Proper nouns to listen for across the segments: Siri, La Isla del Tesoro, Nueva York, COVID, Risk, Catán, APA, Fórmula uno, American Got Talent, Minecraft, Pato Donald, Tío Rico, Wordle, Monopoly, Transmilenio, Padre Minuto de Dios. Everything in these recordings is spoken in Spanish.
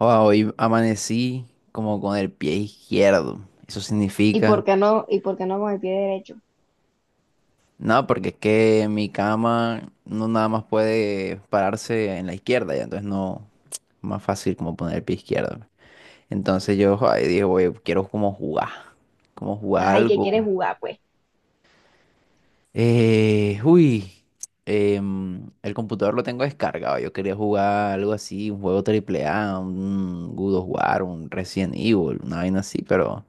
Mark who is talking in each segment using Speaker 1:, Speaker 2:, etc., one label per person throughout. Speaker 1: Wow, hoy amanecí como con el pie izquierdo. Eso
Speaker 2: ¿Y
Speaker 1: significa,
Speaker 2: por qué no, y por qué no con el pie derecho?
Speaker 1: no, porque es que mi cama no nada más puede pararse en la izquierda, ya entonces no más fácil como poner el pie izquierdo. Entonces yo ay, dije, oye, quiero como jugar
Speaker 2: Ajá, ¿y qué quieres
Speaker 1: algo.
Speaker 2: jugar, pues?
Speaker 1: Uy, el computador lo tengo descargado. Yo quería jugar algo así, un juego triple A, un God of War, un Resident Evil, una vaina así, pero.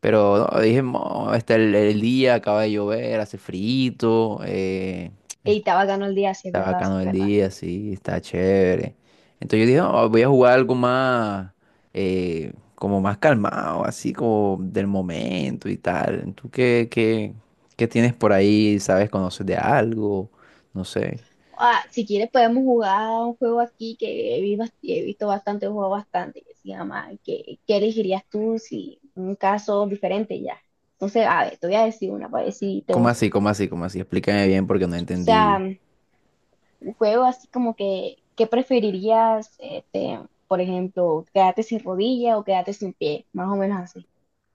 Speaker 1: Pero no, dije, "Mo, está el día, acaba de llover, hace frío,
Speaker 2: Ey, está bacano el día, si es
Speaker 1: está
Speaker 2: verdad, si
Speaker 1: bacano
Speaker 2: es
Speaker 1: el
Speaker 2: verdad.
Speaker 1: día, sí, está chévere. Entonces yo dije, "No, voy a jugar algo más, como más calmado, así como del momento y tal. ¿Tú qué tienes por ahí? ¿Sabes? ¿Conoces de algo? No sé.
Speaker 2: Ah, si quieres podemos jugar un juego aquí que he visto bastante, juego bastante, que se llama ¿Qué elegirías tú si un caso diferente ya? Entonces, a ver, te voy a decir una para ver si te
Speaker 1: ¿Cómo
Speaker 2: gusta.
Speaker 1: así? ¿Cómo así? ¿Cómo así? Explícame bien
Speaker 2: O
Speaker 1: porque no
Speaker 2: sea,
Speaker 1: entendí.
Speaker 2: un juego así como que, ¿qué preferirías, este, por ejemplo, quedarte sin rodilla o quedarte sin pie? Más o menos así.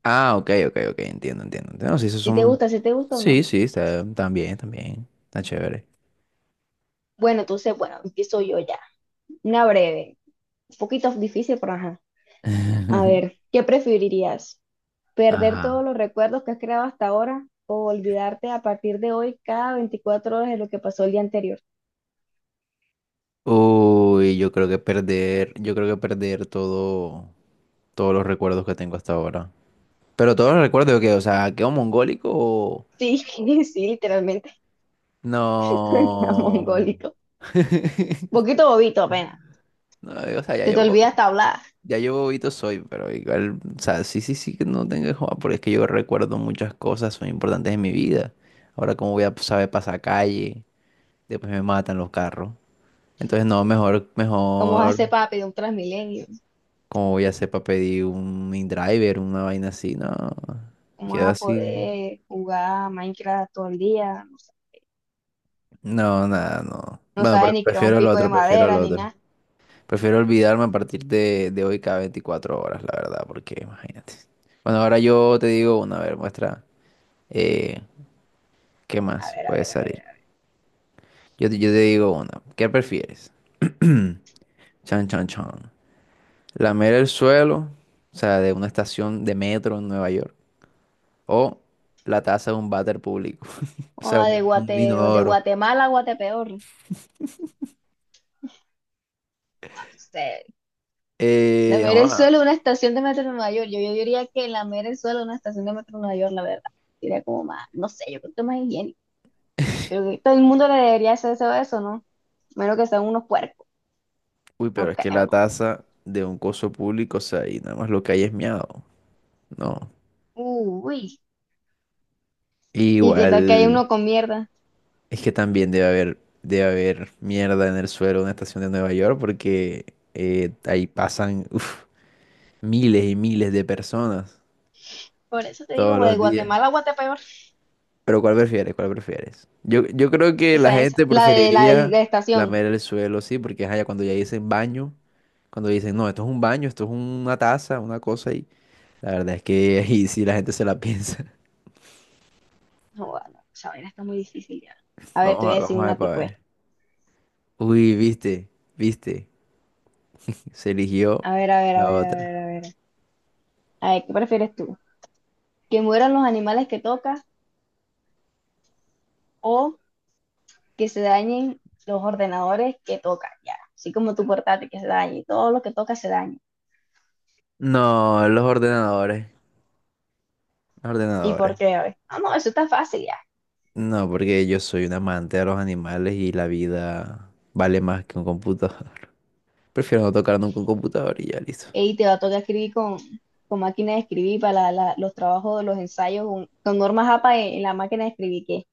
Speaker 1: Ah, ok, ok, ok, entiendo, entiendo, entiendo. Sí, esos
Speaker 2: Si te
Speaker 1: son...
Speaker 2: gusta, si te gusta o
Speaker 1: Sí,
Speaker 2: no.
Speaker 1: sí, está, también, también. Está chévere.
Speaker 2: Bueno, entonces, bueno, empiezo yo ya. Una breve, un poquito difícil, pero ajá. A ver, ¿qué preferirías? ¿Perder todos
Speaker 1: Ajá.
Speaker 2: los recuerdos que has creado hasta ahora o olvidarte a partir de hoy cada 24 horas de lo que pasó el día anterior?
Speaker 1: Uy, yo creo que perder, yo creo que perder todo, todos los recuerdos que tengo hasta ahora. Pero todos los recuerdos que, o sea, quedo mongólico o...
Speaker 2: Sí, sí, literalmente. Está
Speaker 1: No.
Speaker 2: mongólico. Poquito bobito apenas.
Speaker 1: No, o sea,
Speaker 2: Se te olvida hasta hablar.
Speaker 1: ya yo bobito soy, pero igual, o sea, sí, sí, sí que no tengo que jugar, porque es que yo recuerdo muchas cosas, son importantes en mi vida. Ahora, como voy a saber pasar calle, después me matan los carros. Entonces, no, mejor,
Speaker 2: ¿Cómo vas a
Speaker 1: mejor.
Speaker 2: hacer para pedir un Transmilenio?
Speaker 1: ¿Cómo voy a hacer para pedir un InDriver, una vaina así? No,
Speaker 2: ¿Cómo
Speaker 1: quedo
Speaker 2: vas a
Speaker 1: así.
Speaker 2: poder jugar Minecraft todo el día? No,
Speaker 1: No, nada, no.
Speaker 2: no
Speaker 1: Bueno, pero
Speaker 2: sabes ni crear un
Speaker 1: prefiero el
Speaker 2: pico de
Speaker 1: otro, prefiero el
Speaker 2: madera ni
Speaker 1: otro.
Speaker 2: nada.
Speaker 1: Prefiero olvidarme a partir de hoy cada 24 horas, la verdad, porque imagínate. Bueno, ahora yo te digo una, a ver, muestra eh, qué
Speaker 2: A
Speaker 1: más
Speaker 2: ver, a
Speaker 1: puede
Speaker 2: ver, a ver.
Speaker 1: salir.
Speaker 2: A ver.
Speaker 1: Yo te digo una, ¿qué prefieres? Chan, chan, chan. Lamer el suelo, o sea, de una estación de metro en Nueva York. O la taza de un váter público. O sea,
Speaker 2: Oh,
Speaker 1: un, un
Speaker 2: de
Speaker 1: inodoro.
Speaker 2: Guatemala a Guatepeor. No sé. Lamer el
Speaker 1: Joda.
Speaker 2: suelo de una estación de metro en Nueva York. Yo diría que lamer el suelo de una estación de metro en Nueva York, la verdad. Sería como más, no sé, yo creo que más higiénico. Pero que todo el mundo le debería hacer eso, eso, ¿no? Menos que sean unos puercos.
Speaker 1: Uy, pero
Speaker 2: No,
Speaker 1: es que la
Speaker 2: ¿no?
Speaker 1: taza de un coso público, o sea, y nada más lo que hay es miado. No.
Speaker 2: Uy. ¿Y qué
Speaker 1: Igual,
Speaker 2: tal que hay uno con mierda?
Speaker 1: es que también debe haber mierda en el suelo de una estación de Nueva York porque ahí pasan uf, miles y miles de personas
Speaker 2: Por eso te digo,
Speaker 1: todos
Speaker 2: güey,
Speaker 1: los días.
Speaker 2: Guatemala, Guatepeor.
Speaker 1: Pero ¿cuál prefieres? ¿Cuál prefieres? Yo creo que la
Speaker 2: Esa, esa.
Speaker 1: gente
Speaker 2: La de la, de
Speaker 1: preferiría
Speaker 2: la estación.
Speaker 1: lamer el suelo, sí, porque ajá, ya cuando ya dicen baño, cuando dicen, no, esto es un baño, esto es una taza, una cosa, y la verdad es que ahí sí la gente se la piensa.
Speaker 2: No, bueno, esa vaina está muy difícil ya. A ver, te
Speaker 1: Vamos
Speaker 2: voy
Speaker 1: a,
Speaker 2: a decir
Speaker 1: vamos a
Speaker 2: una
Speaker 1: ver para
Speaker 2: tipo.
Speaker 1: ver. Uy, viste, viste, se eligió
Speaker 2: A ver, a ver, a
Speaker 1: la
Speaker 2: ver, a
Speaker 1: otra.
Speaker 2: ver, a ver. A ver, ¿qué prefieres tú? ¿Que mueran los animales que tocas o que se dañen los ordenadores que tocan, ya? Así como tu portátil que se dañe, y todo lo que toca se daña.
Speaker 1: No, los ordenadores, los
Speaker 2: ¿Y por
Speaker 1: ordenadores.
Speaker 2: qué? A ver. No, no, eso está fácil ya.
Speaker 1: No, porque yo soy un amante de los animales y la vida vale más que un computador. Prefiero no tocar nunca un computador y ya listo.
Speaker 2: Y te va a tocar escribir con máquina de escribir para los trabajos, los ensayos, con normas APA en la máquina de escribir, que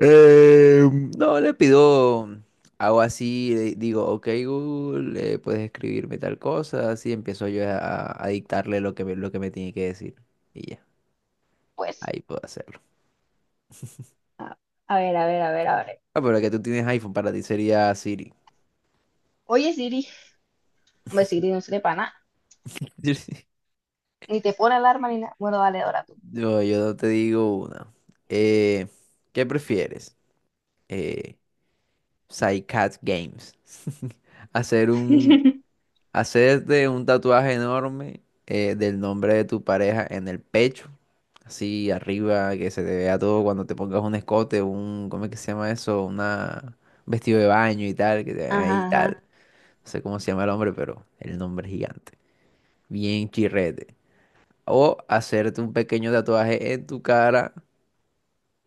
Speaker 1: Eh, no, le pido algo así, le digo, ok Google, puedes escribirme tal cosa, así empiezo yo a dictarle lo que me tiene que decir. Y ya,
Speaker 2: pues,
Speaker 1: ahí puedo hacerlo.
Speaker 2: a, a ver, a ver, a ver, a ver.
Speaker 1: Ah, pero que tú tienes iPhone, para ti sería Siri.
Speaker 2: Oye, Siri, hombre, Siri no sirve para nada, ni te pone alarma ni nada. Bueno, dale, ahora tú.
Speaker 1: No, yo no te digo una. Eh, ¿Qué prefieres? Eh, Psycat Games. Hacer un, hacerte un tatuaje enorme del nombre de tu pareja en el pecho, así arriba, que se te vea todo cuando te pongas un escote, un, ¿cómo es que se llama eso? Una un vestido de baño y tal, que te vean ahí y
Speaker 2: Ajá,
Speaker 1: tal.
Speaker 2: ajá.
Speaker 1: No sé cómo se llama el hombre, pero el nombre es gigante. Bien chirrete. O hacerte un pequeño tatuaje en tu cara,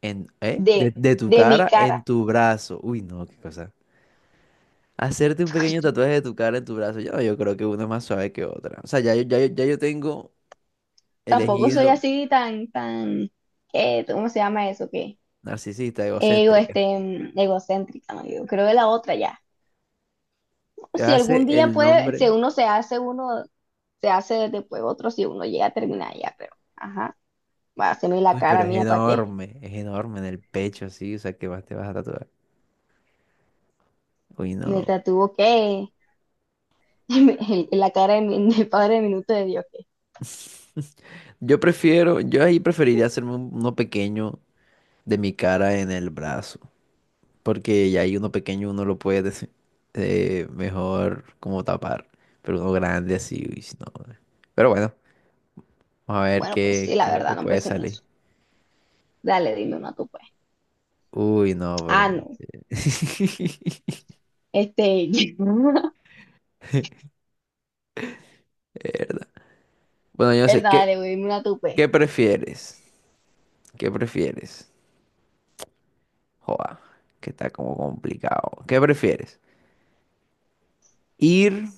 Speaker 1: De,
Speaker 2: De,
Speaker 1: de tu
Speaker 2: de mi
Speaker 1: cara en
Speaker 2: cara.
Speaker 1: tu brazo. Uy, no, qué cosa. Hacerte un pequeño tatuaje de tu cara en tu brazo, yo creo que una es más suave que otra. O sea, ya yo tengo
Speaker 2: Tampoco soy
Speaker 1: elegido
Speaker 2: así tan, ¿qué? ¿Cómo se llama eso? ¿Qué?
Speaker 1: narcisista, egocéntrica.
Speaker 2: Este, egocéntrica, ¿no? Yo creo que la otra ya.
Speaker 1: Te vas a
Speaker 2: Si
Speaker 1: hacer
Speaker 2: algún día
Speaker 1: el
Speaker 2: puede, si
Speaker 1: nombre.
Speaker 2: uno se hace uno, se hace después otro, si uno llega a terminar ya, pero, ajá, va a hacerme la
Speaker 1: Uy,
Speaker 2: cara
Speaker 1: pero
Speaker 2: mía, ¿para qué?
Speaker 1: es enorme en el pecho, sí. O sea, ¿qué más te vas a tatuar? Uy,
Speaker 2: Me
Speaker 1: no.
Speaker 2: tatuó que la cara del Padre Minuto de Dios, que,
Speaker 1: Yo prefiero, yo ahí preferiría hacerme uno pequeño de mi cara en el brazo. Porque ya ahí uno pequeño uno lo puede mejor como tapar. Pero uno grande así, uy, no. Pero bueno. A ver
Speaker 2: bueno, pues sí,
Speaker 1: qué
Speaker 2: la
Speaker 1: es lo que
Speaker 2: verdad, no
Speaker 1: puede
Speaker 2: pensé en
Speaker 1: salir.
Speaker 2: eso. Dale, dime una tú, pues.
Speaker 1: Uy, no, pero.
Speaker 2: Ah, no, este,
Speaker 1: Verdad. Bueno, yo no
Speaker 2: verdad,
Speaker 1: sé, ¿qué,
Speaker 2: dale, güey, dime una tú, pues.
Speaker 1: qué prefieres? ¿Qué prefieres? Joa, que está como complicado. ¿Qué prefieres? ¿Ir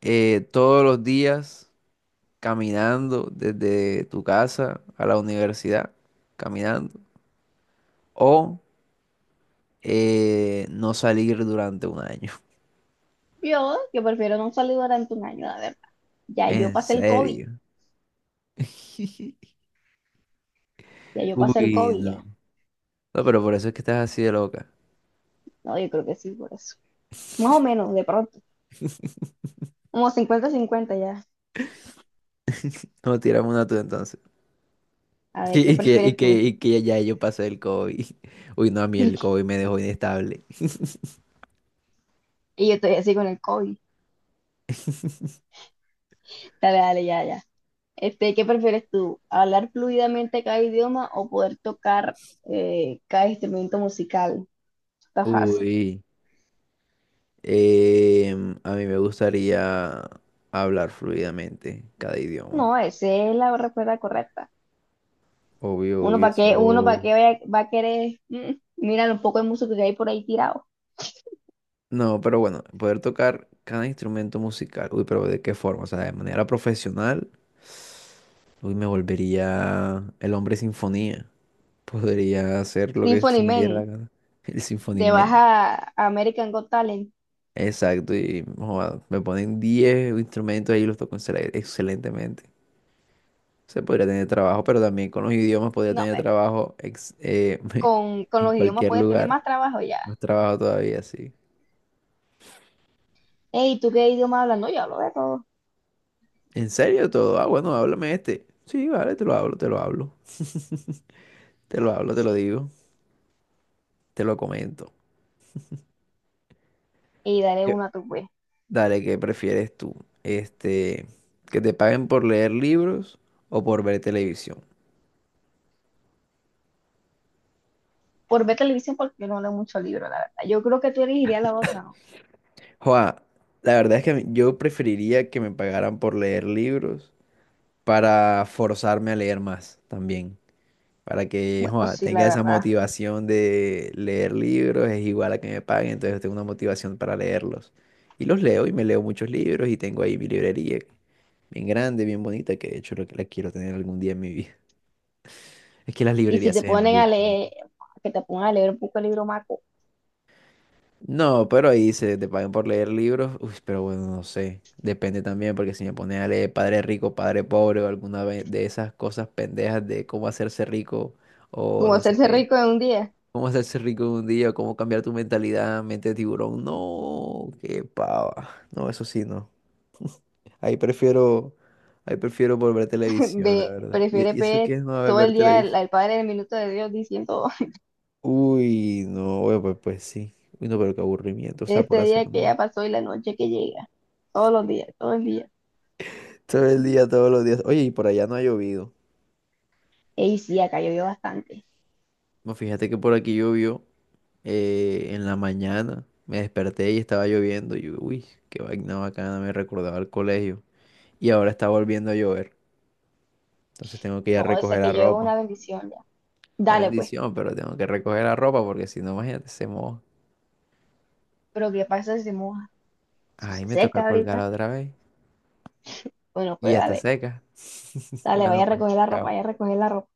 Speaker 1: todos los días caminando desde tu casa a la universidad? Caminando. ¿O no salir durante un año?
Speaker 2: Yo, que prefiero no salir durante un año, la verdad. Ya yo
Speaker 1: ¿En
Speaker 2: pasé el COVID,
Speaker 1: serio?
Speaker 2: ya yo pasé el
Speaker 1: Uy,
Speaker 2: COVID,
Speaker 1: no.
Speaker 2: ya.
Speaker 1: No, pero por eso es que estás así de loca.
Speaker 2: No, yo creo que sí, por eso. Más o menos, de pronto, como 50-50 ya,
Speaker 1: No, tiramos una tú entonces.
Speaker 2: a ver, ¿qué
Speaker 1: Y que, y
Speaker 2: prefieres
Speaker 1: que,
Speaker 2: tú?
Speaker 1: y que ya yo pasé el COVID. Uy, no, a mí el COVID me dejó inestable.
Speaker 2: Y yo estoy así con el COVID, dale, dale, ya, ya. Este, ¿qué prefieres tú? ¿Hablar fluidamente cada idioma o poder tocar cada instrumento musical? Está fácil.
Speaker 1: Uy, a mí me gustaría hablar fluidamente cada idioma.
Speaker 2: No, esa es la respuesta correcta.
Speaker 1: Obvio,
Speaker 2: Uno
Speaker 1: obvio,
Speaker 2: para qué, uno para
Speaker 1: eso.
Speaker 2: qué va a querer, mira un poco de música que hay por ahí tirado.
Speaker 1: No, pero bueno, poder tocar cada instrumento musical. Uy, pero ¿de qué forma? O sea, de manera profesional. Uy, me volvería el hombre sinfonía. Podría hacer lo que
Speaker 2: Symphony
Speaker 1: se me diera la
Speaker 2: Man,
Speaker 1: gana. El
Speaker 2: te vas
Speaker 1: sinfonía.
Speaker 2: a American Got Talent.
Speaker 1: Exacto, y joda, me ponen 10 instrumentos ahí y los toco excelentemente. Se podría tener trabajo, pero también con los idiomas podría
Speaker 2: No,
Speaker 1: tener
Speaker 2: hombre,
Speaker 1: trabajo
Speaker 2: con
Speaker 1: en
Speaker 2: los idiomas
Speaker 1: cualquier
Speaker 2: puedes tener
Speaker 1: lugar.
Speaker 2: más trabajo ya.
Speaker 1: Más trabajo todavía, sí.
Speaker 2: Ey, ¿tú qué idioma hablas? No, yo hablo de todo.
Speaker 1: ¿En serio todo? Ah, bueno, háblame este. Sí, vale, te lo hablo, te lo hablo. Te lo
Speaker 2: Ah,
Speaker 1: hablo, te lo
Speaker 2: sí.
Speaker 1: digo, te lo comento.
Speaker 2: Y daré
Speaker 1: ¿Qué?
Speaker 2: una tú, pues.
Speaker 1: Dale, ¿qué prefieres tú? Este, ¿que te paguen por leer libros o por ver televisión?
Speaker 2: Por ver televisión, porque no leo mucho libro, la verdad. Yo creo que tú elegirías la otra, ¿no?
Speaker 1: Joa, la verdad es que yo preferiría que me pagaran por leer libros para forzarme a leer más también. Para que,
Speaker 2: Bueno,
Speaker 1: joa,
Speaker 2: sí, la
Speaker 1: tenga esa
Speaker 2: verdad.
Speaker 1: motivación de leer libros, es igual a que me paguen, entonces tengo una motivación para leerlos. Y los leo y me leo muchos libros y tengo ahí mi librería, bien grande, bien bonita, que de hecho lo que la quiero tener algún día en mi vida. Es que las
Speaker 2: Y si
Speaker 1: librerías
Speaker 2: te
Speaker 1: se ven muy
Speaker 2: ponen a
Speaker 1: bonitas.
Speaker 2: leer, que te pongan a leer un poco el libro maco,
Speaker 1: No, pero ahí se te pagan por leer libros. Uy, pero bueno, no sé. Depende también, porque si me pones a leer Padre Rico, Padre Pobre o de esas cosas pendejas de cómo hacerse rico o
Speaker 2: como
Speaker 1: no sé
Speaker 2: hacerse
Speaker 1: qué,
Speaker 2: rico en un día,
Speaker 1: cómo hacerse rico en un día, o cómo cambiar tu mentalidad, mente de tiburón. No, qué pava. No, eso sí, no. Ahí prefiero, ahí prefiero volver a televisión, la
Speaker 2: ve,
Speaker 1: verdad. ¿Y,
Speaker 2: prefiere
Speaker 1: y eso qué
Speaker 2: ver
Speaker 1: es no
Speaker 2: todo
Speaker 1: ver
Speaker 2: el día el,
Speaker 1: televisión?
Speaker 2: el Padre del Minuto de Dios diciendo
Speaker 1: Uy, no, bueno, pues sí. Uy, no, pero qué aburrimiento, o sea, por
Speaker 2: este
Speaker 1: hacer.
Speaker 2: día que
Speaker 1: ¿No?
Speaker 2: ya pasó y la noche que llega. Todos los días, todo el día.
Speaker 1: Todo el día, todos los días. Oye, y por allá no ha llovido.
Speaker 2: Ey, sí, acá llovió bastante.
Speaker 1: No, fíjate que por aquí llovió en la mañana. Me desperté y estaba lloviendo. Y yo, uy, qué vaina bacana, me recordaba al colegio. Y ahora está volviendo a llover. Entonces tengo que ir a
Speaker 2: No, o sea
Speaker 1: recoger
Speaker 2: que
Speaker 1: la
Speaker 2: llegó
Speaker 1: ropa.
Speaker 2: una bendición ya.
Speaker 1: Una
Speaker 2: Dale, pues.
Speaker 1: bendición, pero tengo que recoger la ropa porque si no, imagínate, se moja.
Speaker 2: Pero ¿qué pasa si se moja? Si
Speaker 1: Ay,
Speaker 2: se
Speaker 1: me toca
Speaker 2: seca ahorita,
Speaker 1: colgarla otra vez.
Speaker 2: bueno,
Speaker 1: Y
Speaker 2: pues
Speaker 1: ya está
Speaker 2: dale,
Speaker 1: seca.
Speaker 2: dale, vaya
Speaker 1: Bueno,
Speaker 2: a
Speaker 1: pues.
Speaker 2: recoger la ropa, vaya a
Speaker 1: Chao.
Speaker 2: recoger la ropa.